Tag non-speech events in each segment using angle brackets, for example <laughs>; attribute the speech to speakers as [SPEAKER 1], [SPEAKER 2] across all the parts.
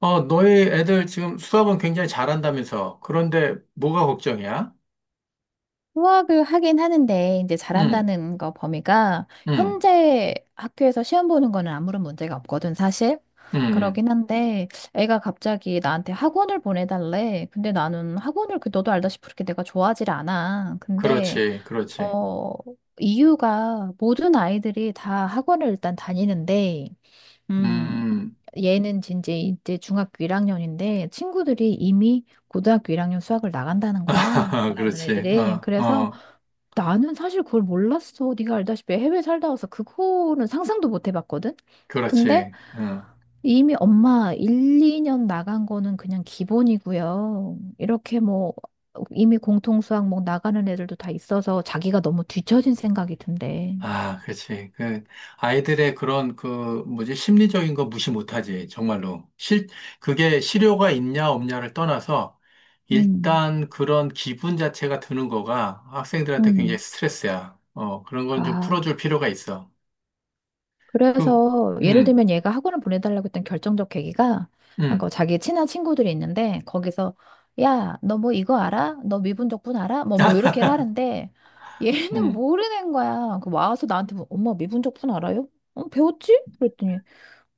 [SPEAKER 1] 너희 애들 지금 수학은 굉장히 잘한다면서. 그런데 뭐가 걱정이야?
[SPEAKER 2] 수학을 하긴 하는데 이제
[SPEAKER 1] 응,
[SPEAKER 2] 잘한다는 거 범위가
[SPEAKER 1] 응,
[SPEAKER 2] 현재 학교에서 시험 보는 거는 아무런 문제가 없거든 사실.
[SPEAKER 1] 응, 응.
[SPEAKER 2] 그러긴 한데 애가 갑자기 나한테 학원을 보내달래. 근데 나는 학원을 그 너도 알다시피 그렇게 내가 좋아하질 않아. 근데
[SPEAKER 1] 그렇지, 그렇지.
[SPEAKER 2] 어 이유가 모든 아이들이 다 학원을 일단 다니는데 음,
[SPEAKER 1] 음.
[SPEAKER 2] 얘는 진짜 이제 중학교 1학년인데 친구들이 이미 고등학교 1학년 수학을 나간다는 거야.
[SPEAKER 1] <laughs>
[SPEAKER 2] 잘하는
[SPEAKER 1] 그렇지.
[SPEAKER 2] 애들이.
[SPEAKER 1] 어,
[SPEAKER 2] 그래서
[SPEAKER 1] 어,
[SPEAKER 2] 나는 사실 그걸 몰랐어. 네가 알다시피 해외 살다 와서 그거는 상상도 못 해봤거든. 근데
[SPEAKER 1] 그렇지. 어.
[SPEAKER 2] 이미 엄마 1, 2년 나간 거는 그냥 기본이고요. 이렇게 뭐 이미 공통수학 뭐 나가는 애들도 다 있어서 자기가 너무 뒤처진 생각이 든대.
[SPEAKER 1] 아, 그렇지. 아이들의 그런 뭐지, 심리적인 거 무시 못하지. 정말로. 그게 실효가 있냐, 없냐를 떠나서
[SPEAKER 2] 음,
[SPEAKER 1] 일단 그런 기분 자체가 드는 거가 학생들한테 굉장히
[SPEAKER 2] 음.
[SPEAKER 1] 스트레스야. 그런 건 좀
[SPEAKER 2] 아,
[SPEAKER 1] 풀어줄 필요가 있어. 그,
[SPEAKER 2] 그래서 예를
[SPEAKER 1] 음,
[SPEAKER 2] 들면 얘가 학원을 보내달라고 했던 결정적 계기가 그
[SPEAKER 1] 음.
[SPEAKER 2] 자기 친한 친구들이 있는데 거기서 야, 너 뭐 이거 알아? 너 미분적분 알아? 뭐
[SPEAKER 1] <laughs>
[SPEAKER 2] 뭐 이렇게
[SPEAKER 1] 아,
[SPEAKER 2] 하는데 얘는
[SPEAKER 1] 음,
[SPEAKER 2] 모르는 거야. 그 와서 나한테 뭐, 엄마 미분적분 알아요? 어, 배웠지? 그랬더니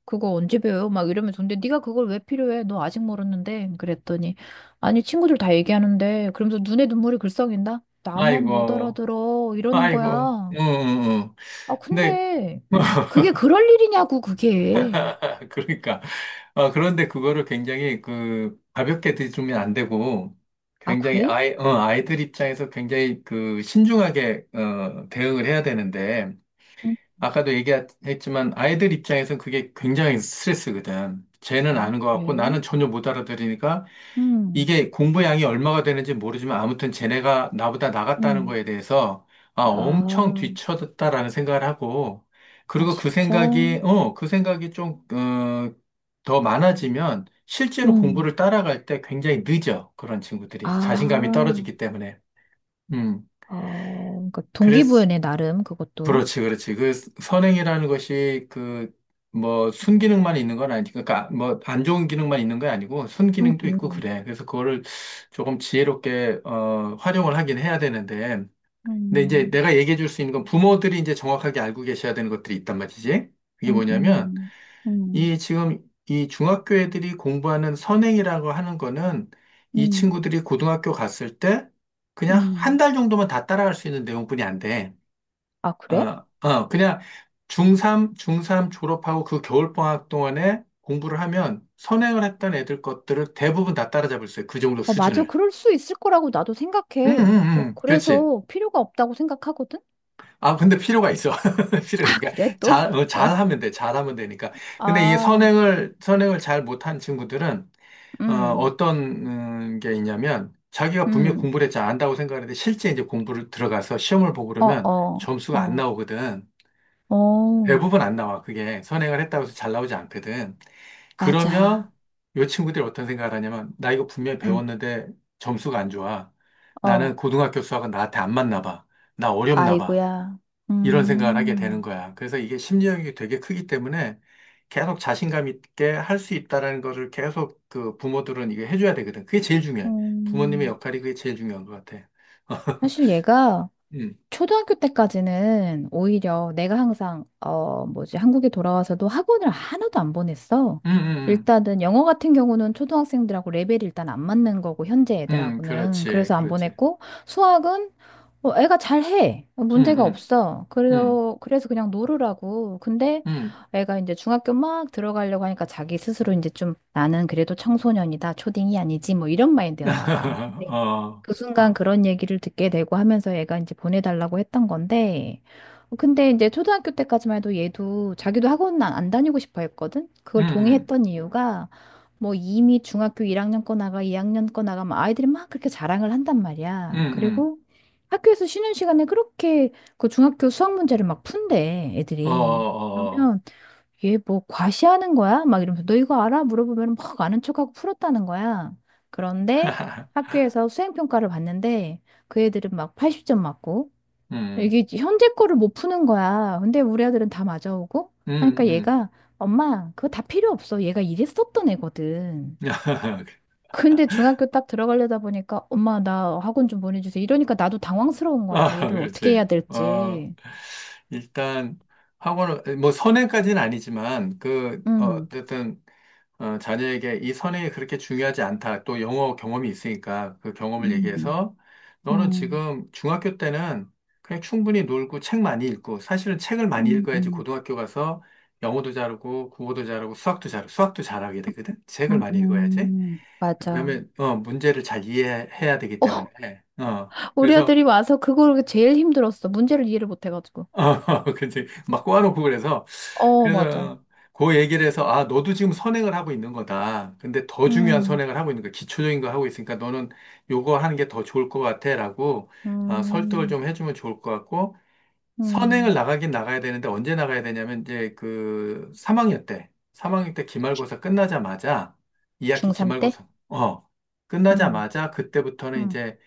[SPEAKER 2] 그거 언제 배워요? 막 이러면서 근데 네가 그걸 왜 필요해? 너 아직 모르는데 그랬더니 아니 친구들 다 얘기하는데 그러면서 눈에 눈물이 글썽인다. 나만 못
[SPEAKER 1] 아이고,
[SPEAKER 2] 알아들어 이러는
[SPEAKER 1] 아이고,
[SPEAKER 2] 거야. 아,
[SPEAKER 1] 근데,
[SPEAKER 2] 근데 그게 그럴 일이냐고, 그게.
[SPEAKER 1] <laughs> 그러니까, 그런데 그거를 굉장히 가볍게 들이면 안 되고,
[SPEAKER 2] 아,
[SPEAKER 1] 굉장히
[SPEAKER 2] 그래?
[SPEAKER 1] 아이들 입장에서 굉장히 신중하게, 대응을 해야 되는데,
[SPEAKER 2] 응,
[SPEAKER 1] 아까도 얘기했지만, 아이들 입장에서 그게 굉장히 스트레스거든. 쟤는
[SPEAKER 2] 아,
[SPEAKER 1] 아는 것
[SPEAKER 2] 그래?
[SPEAKER 1] 같고, 나는 전혀 못 알아들으니까,
[SPEAKER 2] 음,
[SPEAKER 1] 이게 공부량이 얼마가 되는지 모르지만 아무튼 쟤네가 나보다 나갔다는
[SPEAKER 2] 음,
[SPEAKER 1] 거에 대해서 아, 엄청
[SPEAKER 2] 아,
[SPEAKER 1] 뒤처졌다라는 생각을 하고
[SPEAKER 2] 아,
[SPEAKER 1] 그리고
[SPEAKER 2] 진짜?
[SPEAKER 1] 그 생각이 좀, 더 많아지면 실제로
[SPEAKER 2] 음,
[SPEAKER 1] 공부를 따라갈 때 굉장히 늦어. 그런 친구들이 자신감이
[SPEAKER 2] 아,
[SPEAKER 1] 떨어지기 때문에. 음.
[SPEAKER 2] 어, 그러니까
[SPEAKER 1] 그랬
[SPEAKER 2] 동기부여네, 나름, 그것도.
[SPEAKER 1] 그렇지, 그렇지. 그 선행이라는 것이 뭐 순기능만 있는 건 그러니까 뭐 안 좋은 기능만 있는 게 아니고
[SPEAKER 2] 응,
[SPEAKER 1] 순기능도 있고 그래. 그래서 그거를 조금 지혜롭게 활용을 하긴 해야 되는데, 근데 이제
[SPEAKER 2] 음,
[SPEAKER 1] 내가 얘기해 줄 수 있는 건 부모들이 이제 정확하게 알고 계셔야 되는 것들이 있단 말이지. 그게
[SPEAKER 2] 음,
[SPEAKER 1] 뭐냐면
[SPEAKER 2] 음, 음,
[SPEAKER 1] 이 지금 이 중학교 애들이 공부하는 선행이라고 하는 거는 이
[SPEAKER 2] 음,
[SPEAKER 1] 친구들이 고등학교 갔을 때 그냥 한
[SPEAKER 2] 음.
[SPEAKER 1] 달 정도만 다 따라갈 수 있는 내용뿐이 안 돼.
[SPEAKER 2] 아, 그래?
[SPEAKER 1] 그냥 중3 졸업하고 그 겨울방학 동안에 공부를 하면 선행을 했던 애들 것들을 대부분 다 따라잡을 수 있어요. 그 정도
[SPEAKER 2] 어, 맞아.
[SPEAKER 1] 수준을.
[SPEAKER 2] 그럴 수 있을 거라고 나도 생각해. 어,
[SPEAKER 1] 그렇지.
[SPEAKER 2] 그래서 필요가 없다고 생각하거든?
[SPEAKER 1] 아, 근데 필요가 있어. <laughs> 필요가
[SPEAKER 2] 아,
[SPEAKER 1] 있으니까.
[SPEAKER 2] 그래, 또? <laughs> 어,
[SPEAKER 1] 잘하면 돼. 잘하면 되니까. 근데 이
[SPEAKER 2] 아,
[SPEAKER 1] 선행을 잘 못한 친구들은, 어,
[SPEAKER 2] 음,
[SPEAKER 1] 어떤, 게 있냐면, 자기가 분명히
[SPEAKER 2] 음.
[SPEAKER 1] 공부를 했지 안다고 생각하는데, 실제 이제 공부를 들어가서 시험을 보고
[SPEAKER 2] 어,
[SPEAKER 1] 그러면
[SPEAKER 2] 어,
[SPEAKER 1] 점수가 안
[SPEAKER 2] 어,
[SPEAKER 1] 나오거든.
[SPEAKER 2] 어,
[SPEAKER 1] 대부분 안 나와. 그게 선행을 했다고 해서 잘 나오지 않거든. 그러면
[SPEAKER 2] 맞아.
[SPEAKER 1] 요 친구들이 어떤 생각을 하냐면 나 이거 분명히
[SPEAKER 2] 응,
[SPEAKER 1] 배웠는데 점수가 안 좋아. 나는
[SPEAKER 2] 어,
[SPEAKER 1] 고등학교 수학은 나한테 안 맞나 봐. 나 어렵나 봐.
[SPEAKER 2] 아이고야.
[SPEAKER 1] 이런 생각을 하게 되는
[SPEAKER 2] 음,
[SPEAKER 1] 거야. 그래서 이게 심리적인 게 되게 크기 때문에 계속 자신감 있게 할 수 있다라는 거를 계속 그 부모들은 이게 해줘야 되거든. 그게 제일 중요해. 부모님의
[SPEAKER 2] 음.
[SPEAKER 1] 역할이 그게 제일 중요한 것 같아. <laughs>
[SPEAKER 2] 사실 얘가
[SPEAKER 1] 음,
[SPEAKER 2] 초등학교 때까지는 오히려 내가 항상 어 뭐지 한국에 돌아와서도 학원을 하나도 안 보냈어.
[SPEAKER 1] 음, 음,
[SPEAKER 2] 일단은 영어 같은 경우는 초등학생들하고 레벨이 일단 안 맞는 거고 현재 애들하고는
[SPEAKER 1] 그렇지,
[SPEAKER 2] 그래서 안
[SPEAKER 1] 그렇지.
[SPEAKER 2] 보냈고 수학은 애가 잘해
[SPEAKER 1] 음,
[SPEAKER 2] 문제가
[SPEAKER 1] 음,
[SPEAKER 2] 없어
[SPEAKER 1] 음,
[SPEAKER 2] 그래서 그냥 놀으라고 근데
[SPEAKER 1] 음.
[SPEAKER 2] 애가 이제 중학교 막 들어가려고 하니까 자기 스스로 이제 좀 나는 그래도 청소년이다 초딩이 아니지 뭐 이런 마인드였나 봐
[SPEAKER 1] <laughs>
[SPEAKER 2] 근데
[SPEAKER 1] 어,
[SPEAKER 2] 그 순간 그런 얘기를 듣게 되고 하면서 얘가 이제 보내달라고 했던 건데, 근데 이제 초등학교 때까지만 해도 얘도 자기도 학원 안안 다니고 싶어 했거든?
[SPEAKER 1] 음,
[SPEAKER 2] 그걸
[SPEAKER 1] 음,
[SPEAKER 2] 동의했던 이유가, 뭐 이미 중학교 1학년 거 나가, 2학년 거 나가, 막 아이들이 막 그렇게 자랑을 한단 말이야.
[SPEAKER 1] 음,
[SPEAKER 2] 그리고 학교에서 쉬는 시간에 그렇게 그 중학교 수학 문제를 막 푼대,
[SPEAKER 1] 어,
[SPEAKER 2] 애들이.
[SPEAKER 1] 어,
[SPEAKER 2] 그러면 얘 뭐 과시하는 거야? 막 이러면서 너 이거 알아? 물어보면 막 아는 척하고 풀었다는 거야. 그런데
[SPEAKER 1] <laughs>
[SPEAKER 2] 학교에서 수행평가를 봤는데 그 애들은 막 80점 맞고
[SPEAKER 1] 음,
[SPEAKER 2] 이게 현재 거를 못 푸는 거야. 근데 우리 아들은 다 맞아오고
[SPEAKER 1] 음,
[SPEAKER 2] 그러니까
[SPEAKER 1] 음,
[SPEAKER 2] 얘가 엄마 그거 다 필요 없어. 얘가 이랬었던 애거든.
[SPEAKER 1] <laughs>
[SPEAKER 2] 근데 중학교 딱 들어가려다 보니까 엄마 나 학원 좀 보내주세요. 이러니까 나도 당황스러운 거야.
[SPEAKER 1] 아,
[SPEAKER 2] 얘를 어떻게
[SPEAKER 1] 그렇지,
[SPEAKER 2] 해야 될지.
[SPEAKER 1] 일단 학원을 뭐 선행까지는 아니지만
[SPEAKER 2] 응.
[SPEAKER 1] 어쨌든 자녀에게 이 선행이 그렇게 중요하지 않다. 또 영어 경험이 있으니까 그 경험을
[SPEAKER 2] 음,
[SPEAKER 1] 얘기해서 너는
[SPEAKER 2] 음,
[SPEAKER 1] 지금 중학교 때는 그냥 충분히 놀고 책 많이 읽고 사실은 책을 많이 읽어야지
[SPEAKER 2] 음.
[SPEAKER 1] 고등학교 가서 영어도 잘하고 국어도 잘하고 수학도 잘하게 되거든. 책을 많이 읽어야지. 왜냐하
[SPEAKER 2] 맞아.
[SPEAKER 1] 면 문제를 잘 이해해야 되기 때문에
[SPEAKER 2] 어, <laughs> 우리
[SPEAKER 1] 그래서
[SPEAKER 2] 아들이 와서 그걸 제일 힘들었어. 문제를 이해를 못 해가지고.
[SPEAKER 1] 어, <laughs> 그치. 막 꼬아놓고 그래서,
[SPEAKER 2] 어, 맞아.
[SPEAKER 1] 그래서 그 얘기를 해서, 아, 너도 지금 선행을 하고 있는 거다. 근데 더 중요한
[SPEAKER 2] 음,
[SPEAKER 1] 선행을 하고 있는 거야. 기초적인 거 하고 있으니까 너는 요거 하는 게 더 좋을 것 같아. 라고 아, 설득을
[SPEAKER 2] 음,
[SPEAKER 1] 좀 해주면 좋을 것 같고, 선행을
[SPEAKER 2] 음.
[SPEAKER 1] 나가긴 나가야 되는데 언제 나가야 되냐면 이제 그 3학년 때 기말고사 끝나자마자 2학기
[SPEAKER 2] 중3 때?
[SPEAKER 1] 기말고사
[SPEAKER 2] 음,
[SPEAKER 1] 끝나자마자 그때부터는
[SPEAKER 2] 음,
[SPEAKER 1] 이제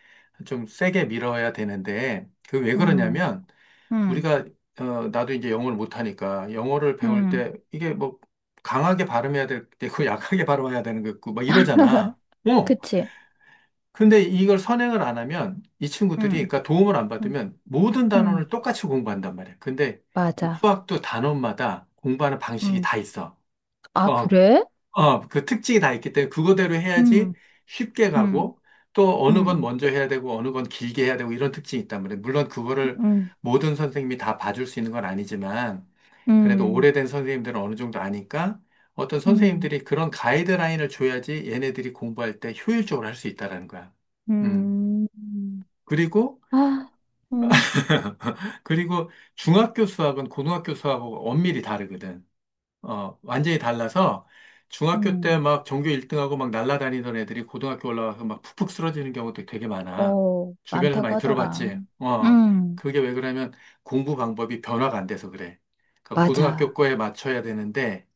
[SPEAKER 1] 좀 세게 밀어야 되는데 그 왜
[SPEAKER 2] 음,
[SPEAKER 1] 그러냐면
[SPEAKER 2] 음,
[SPEAKER 1] 우리가 어 나도 이제 영어를 못하니까 영어를 배울
[SPEAKER 2] 음.
[SPEAKER 1] 때 이게 뭐 강하게 발음해야 될 때고 <laughs> 약하게 발음해야 되는 거 있고 막 이러잖아.
[SPEAKER 2] <laughs>
[SPEAKER 1] 어
[SPEAKER 2] 그치?
[SPEAKER 1] 근데 이걸 선행을 안 하면 이 친구들이,
[SPEAKER 2] 음,
[SPEAKER 1] 그러니까 도움을 안
[SPEAKER 2] 음,
[SPEAKER 1] 받으면 모든 단원을
[SPEAKER 2] 음.
[SPEAKER 1] 똑같이 공부한단 말이야. 근데 이
[SPEAKER 2] 맞아.
[SPEAKER 1] 수학도 단원마다 공부하는 방식이
[SPEAKER 2] 음.
[SPEAKER 1] 다 있어.
[SPEAKER 2] 아,
[SPEAKER 1] 어,
[SPEAKER 2] 그래?
[SPEAKER 1] 그 특징이 다 있기 때문에 그거대로 해야지
[SPEAKER 2] 음,
[SPEAKER 1] 쉽게
[SPEAKER 2] 음,
[SPEAKER 1] 가고 또 어느 건
[SPEAKER 2] 음,
[SPEAKER 1] 먼저 해야 되고 어느 건 길게 해야 되고 이런 특징이 있단 말이야. 물론 그거를
[SPEAKER 2] 음,
[SPEAKER 1] 모든 선생님이 다 봐줄 수 있는 건 아니지만 그래도
[SPEAKER 2] 음,
[SPEAKER 1] 오래된 선생님들은 어느 정도 아니까 어떤
[SPEAKER 2] 음,
[SPEAKER 1] 선생님들이 그런 가이드라인을 줘야지 얘네들이 공부할 때 효율적으로 할 수 있다라는 거야. 음.
[SPEAKER 2] 음.
[SPEAKER 1] 그리고
[SPEAKER 2] 아, 음,
[SPEAKER 1] <laughs> 그리고 중학교 수학은 고등학교 수학하고 엄밀히 다르거든. 어, 완전히 달라서 중학교 때
[SPEAKER 2] 음.
[SPEAKER 1] 막 전교 1등하고 막 날아다니던 애들이 고등학교 올라와서 막 푹푹 쓰러지는 경우도 되게 많아.
[SPEAKER 2] 어,
[SPEAKER 1] 주변에서
[SPEAKER 2] 많다고
[SPEAKER 1] 많이
[SPEAKER 2] 하더라.
[SPEAKER 1] 들어봤지.
[SPEAKER 2] 음,
[SPEAKER 1] 그게 왜 그러냐면 공부 방법이 변화가 안 돼서 그래. 그러니까 고등학교
[SPEAKER 2] 맞아,
[SPEAKER 1] 거에 맞춰야 되는데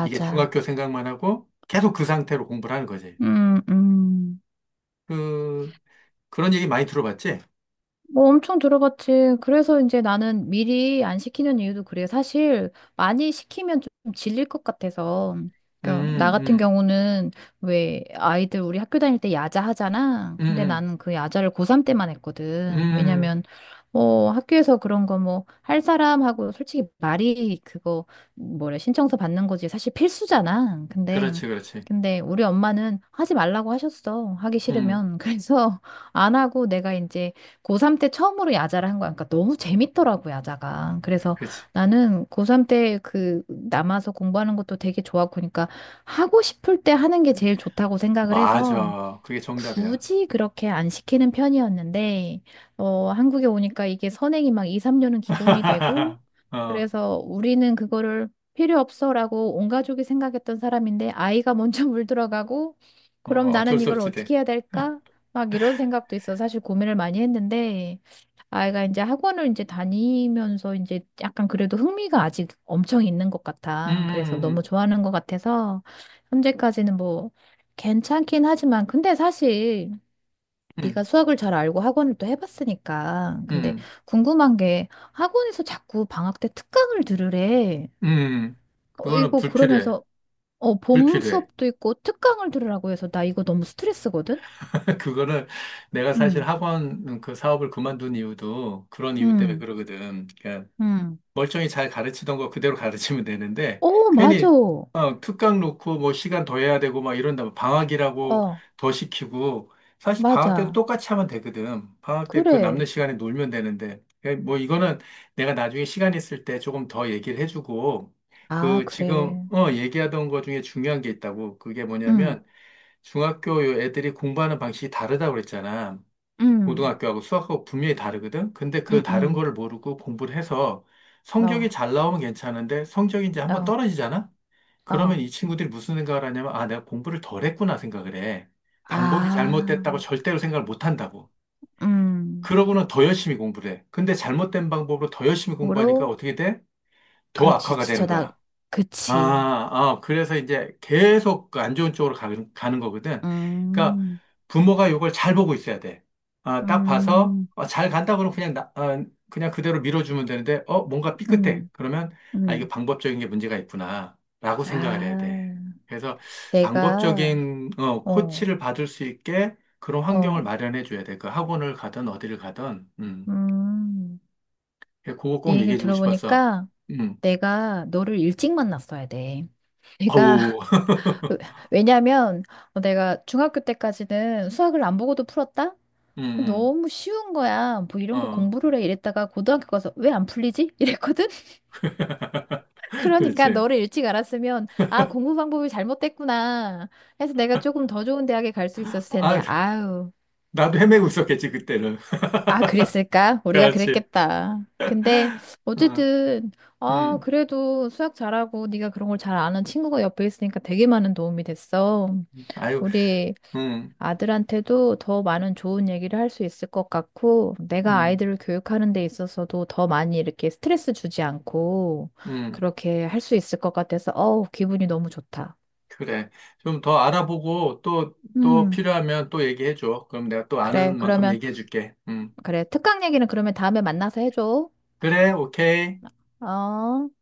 [SPEAKER 1] 이게 중학교 생각만 하고 계속 그 상태로 공부를 하는 거지.
[SPEAKER 2] 음, 음.
[SPEAKER 1] 그, 그런 얘기 많이 들어봤지?
[SPEAKER 2] 뭐 엄청 들어봤지. 그래서 이제 나는 미리 안 시키는 이유도 그래. 사실 많이 시키면 좀 질릴 것 같아서. 그러니까 나
[SPEAKER 1] 음,
[SPEAKER 2] 같은
[SPEAKER 1] 음,
[SPEAKER 2] 경우는 왜 아이들 우리 학교 다닐 때 야자 하잖아. 근데
[SPEAKER 1] 음,
[SPEAKER 2] 나는 그 야자를 고3 때만
[SPEAKER 1] 음,
[SPEAKER 2] 했거든.
[SPEAKER 1] 음.
[SPEAKER 2] 왜냐면 학교에서 그런 거 뭐 할 사람하고 솔직히 말이 그거 뭐래 신청서 받는 거지. 사실 필수잖아. 근데
[SPEAKER 1] 그렇지, 그렇지.
[SPEAKER 2] 근데 우리 엄마는 하지 말라고 하셨어. 하기
[SPEAKER 1] 음,
[SPEAKER 2] 싫으면. <laughs> 그래서 안 하고 내가 이제 고3 때 처음으로 야자를 한 거야. 그러니까 너무 재밌더라고, 야자가. 그래서
[SPEAKER 1] 그렇지.
[SPEAKER 2] 나는 고3 때 그 남아서 공부하는 것도 되게 좋았고, 그러니까 하고 싶을 때 하는 게 제일 좋다고 생각을 해서
[SPEAKER 1] 맞아. 그게 정답이야.
[SPEAKER 2] 굳이 그렇게 안 시키는 편이었는데, 한국에 오니까 이게 선행이 막 2, 3년은 기본이 되고,
[SPEAKER 1] <laughs> 어,
[SPEAKER 2] 그래서 우리는 그거를 필요 없어라고 온 가족이 생각했던 사람인데, 아이가 먼저 <laughs> 물들어가고,
[SPEAKER 1] 어,
[SPEAKER 2] 그럼
[SPEAKER 1] 어쩔
[SPEAKER 2] 나는
[SPEAKER 1] 수
[SPEAKER 2] 이걸
[SPEAKER 1] 없지, 돼.
[SPEAKER 2] 어떻게 해야 될까?
[SPEAKER 1] <laughs>
[SPEAKER 2] 막 이런 생각도 있어. 사실 고민을 많이 했는데, 아이가 이제 학원을 이제 다니면서 이제 약간 그래도 흥미가 아직 엄청 있는 것
[SPEAKER 1] 음,
[SPEAKER 2] 같아. 그래서 너무
[SPEAKER 1] 음,
[SPEAKER 2] 좋아하는 것 같아서 현재까지는 뭐 괜찮긴 하지만 근데 사실
[SPEAKER 1] 음,
[SPEAKER 2] 네가 수학을 잘 알고 학원을 또 해봤으니까 근데
[SPEAKER 1] 음,
[SPEAKER 2] 궁금한 게 학원에서 자꾸 방학 때 특강을 들으래.
[SPEAKER 1] 음, 음. 그거는
[SPEAKER 2] 이거
[SPEAKER 1] 불필요해.
[SPEAKER 2] 그러면서 봄
[SPEAKER 1] 불필요해.
[SPEAKER 2] 수업도 있고 특강을 들으라고 해서 나 이거 너무 스트레스거든?
[SPEAKER 1] <laughs> 그거는 내가 사실
[SPEAKER 2] 응,
[SPEAKER 1] 학원 그 사업을 그만둔 이유도 그런 이유 때문에
[SPEAKER 2] 응,
[SPEAKER 1] 그러거든.
[SPEAKER 2] 응.
[SPEAKER 1] 멀쩡히 잘 가르치던 거 그대로 가르치면 되는데
[SPEAKER 2] 어, 맞아.
[SPEAKER 1] 괜히
[SPEAKER 2] 어,
[SPEAKER 1] 특강 놓고 뭐 시간 더 해야 되고 막 이런다 방학이라고 더 시키고 사실 방학 때도
[SPEAKER 2] 맞아.
[SPEAKER 1] 똑같이 하면 되거든. 방학 때 그
[SPEAKER 2] 그래.
[SPEAKER 1] 남는 시간에 놀면 되는데 예, 뭐 이거는 내가 나중에 시간 있을 때 조금 더 얘기를 해주고
[SPEAKER 2] 아,
[SPEAKER 1] 그 지금
[SPEAKER 2] 그래.
[SPEAKER 1] 얘기하던 거 중에 중요한 게 있다고 그게
[SPEAKER 2] 응,
[SPEAKER 1] 뭐냐면 중학교 요 애들이 공부하는 방식이 다르다고 그랬잖아.
[SPEAKER 2] 응,
[SPEAKER 1] 고등학교하고 수학하고 분명히 다르거든? 근데 그
[SPEAKER 2] 응,
[SPEAKER 1] 다른
[SPEAKER 2] 응.
[SPEAKER 1] 거를 모르고 공부를 해서 성적이
[SPEAKER 2] 어,
[SPEAKER 1] 잘 나오면 괜찮은데 성적이 이제 한번
[SPEAKER 2] 어,
[SPEAKER 1] 떨어지잖아?
[SPEAKER 2] 어.
[SPEAKER 1] 그러면 이 친구들이 무슨 생각을 하냐면, 아, 내가 공부를 덜 했구나 생각을 해. 방법이
[SPEAKER 2] 아,
[SPEAKER 1] 잘못됐다고 절대로 생각을 못 한다고.
[SPEAKER 2] 음.
[SPEAKER 1] 그러고는 더 열심히 공부를 해. 근데 잘못된 방법으로 더 열심히 공부하니까
[SPEAKER 2] 으로
[SPEAKER 1] 어떻게 돼? 더
[SPEAKER 2] 그렇지.
[SPEAKER 1] 악화가 되는
[SPEAKER 2] 지쳐다.
[SPEAKER 1] 거야.
[SPEAKER 2] 그치.
[SPEAKER 1] 그래서 이제 계속 그안 좋은 쪽으로 가는 거거든. 그러니까
[SPEAKER 2] 음,
[SPEAKER 1] 부모가 이걸 잘 보고 있어야 돼. 아, 딱 봐서
[SPEAKER 2] 음,
[SPEAKER 1] 잘 간다 그러면 그냥 그대로 밀어주면 되는데 어, 뭔가 삐끗해.
[SPEAKER 2] 음,
[SPEAKER 1] 그러면 아, 이게
[SPEAKER 2] 음.
[SPEAKER 1] 방법적인 게 문제가 있구나. 라고 생각을 해야 돼.
[SPEAKER 2] 아,
[SPEAKER 1] 그래서
[SPEAKER 2] 내가,
[SPEAKER 1] 방법적인
[SPEAKER 2] 어,
[SPEAKER 1] 코치를 받을 수 있게 그런 환경을
[SPEAKER 2] 어,
[SPEAKER 1] 마련해 줘야 돼. 그 학원을 가든 어디를 가든. 음.
[SPEAKER 2] 음.
[SPEAKER 1] 그거
[SPEAKER 2] 네
[SPEAKER 1] 꼭
[SPEAKER 2] 얘기를
[SPEAKER 1] 얘기해 주고 싶었어.
[SPEAKER 2] 들어보니까
[SPEAKER 1] 음.
[SPEAKER 2] 내가 너를 일찍 만났어야 돼. 내가,
[SPEAKER 1] 어우. <laughs>
[SPEAKER 2] <laughs> 왜냐면 내가 중학교 때까지는 수학을 안 보고도 풀었다?
[SPEAKER 1] 음,
[SPEAKER 2] 너무 쉬운 거야. 뭐 이런 거
[SPEAKER 1] 어.
[SPEAKER 2] 공부를 해 이랬다가 고등학교 가서 왜 안 풀리지? <laughs> 이랬거든?
[SPEAKER 1] <laughs>
[SPEAKER 2] 그러니까
[SPEAKER 1] 그렇지.
[SPEAKER 2] 너를 일찍 알았으면 아 공부 방법이 잘못됐구나 해서 내가 조금 더 좋은 대학에 갈 수 있었을 텐데
[SPEAKER 1] 아,
[SPEAKER 2] 아유
[SPEAKER 1] 나도 헤매고 있었겠지, 그때는. <laughs>
[SPEAKER 2] 아 그랬을까 우리가
[SPEAKER 1] 그렇지.
[SPEAKER 2] 그랬겠다 근데
[SPEAKER 1] 어,
[SPEAKER 2] 어쨌든 아
[SPEAKER 1] 음,
[SPEAKER 2] 그래도 수학 잘하고 네가 그런 걸 잘 아는 친구가 옆에 있으니까 되게 많은 도움이 됐어
[SPEAKER 1] 아유,
[SPEAKER 2] 우리
[SPEAKER 1] 음,
[SPEAKER 2] 아들한테도 더 많은 좋은 얘기를 할 수 있을 것 같고 내가
[SPEAKER 1] 음,
[SPEAKER 2] 아이들을 교육하는 데 있어서도 더 많이 이렇게 스트레스 주지 않고
[SPEAKER 1] 음.
[SPEAKER 2] 그렇게 할 수 있을 것 같아서 어우 기분이 너무 좋다.
[SPEAKER 1] 그래. 좀 더 알아보고 또
[SPEAKER 2] 음,
[SPEAKER 1] 필요하면 또 얘기해줘. 그럼 내가 또 아는
[SPEAKER 2] 그래.
[SPEAKER 1] 만큼
[SPEAKER 2] 그러면,
[SPEAKER 1] 얘기해줄게. 음.
[SPEAKER 2] 그래. 특강 얘기는 그러면 다음에 만나서 해줘.
[SPEAKER 1] 그래, 오케이.
[SPEAKER 2] 어.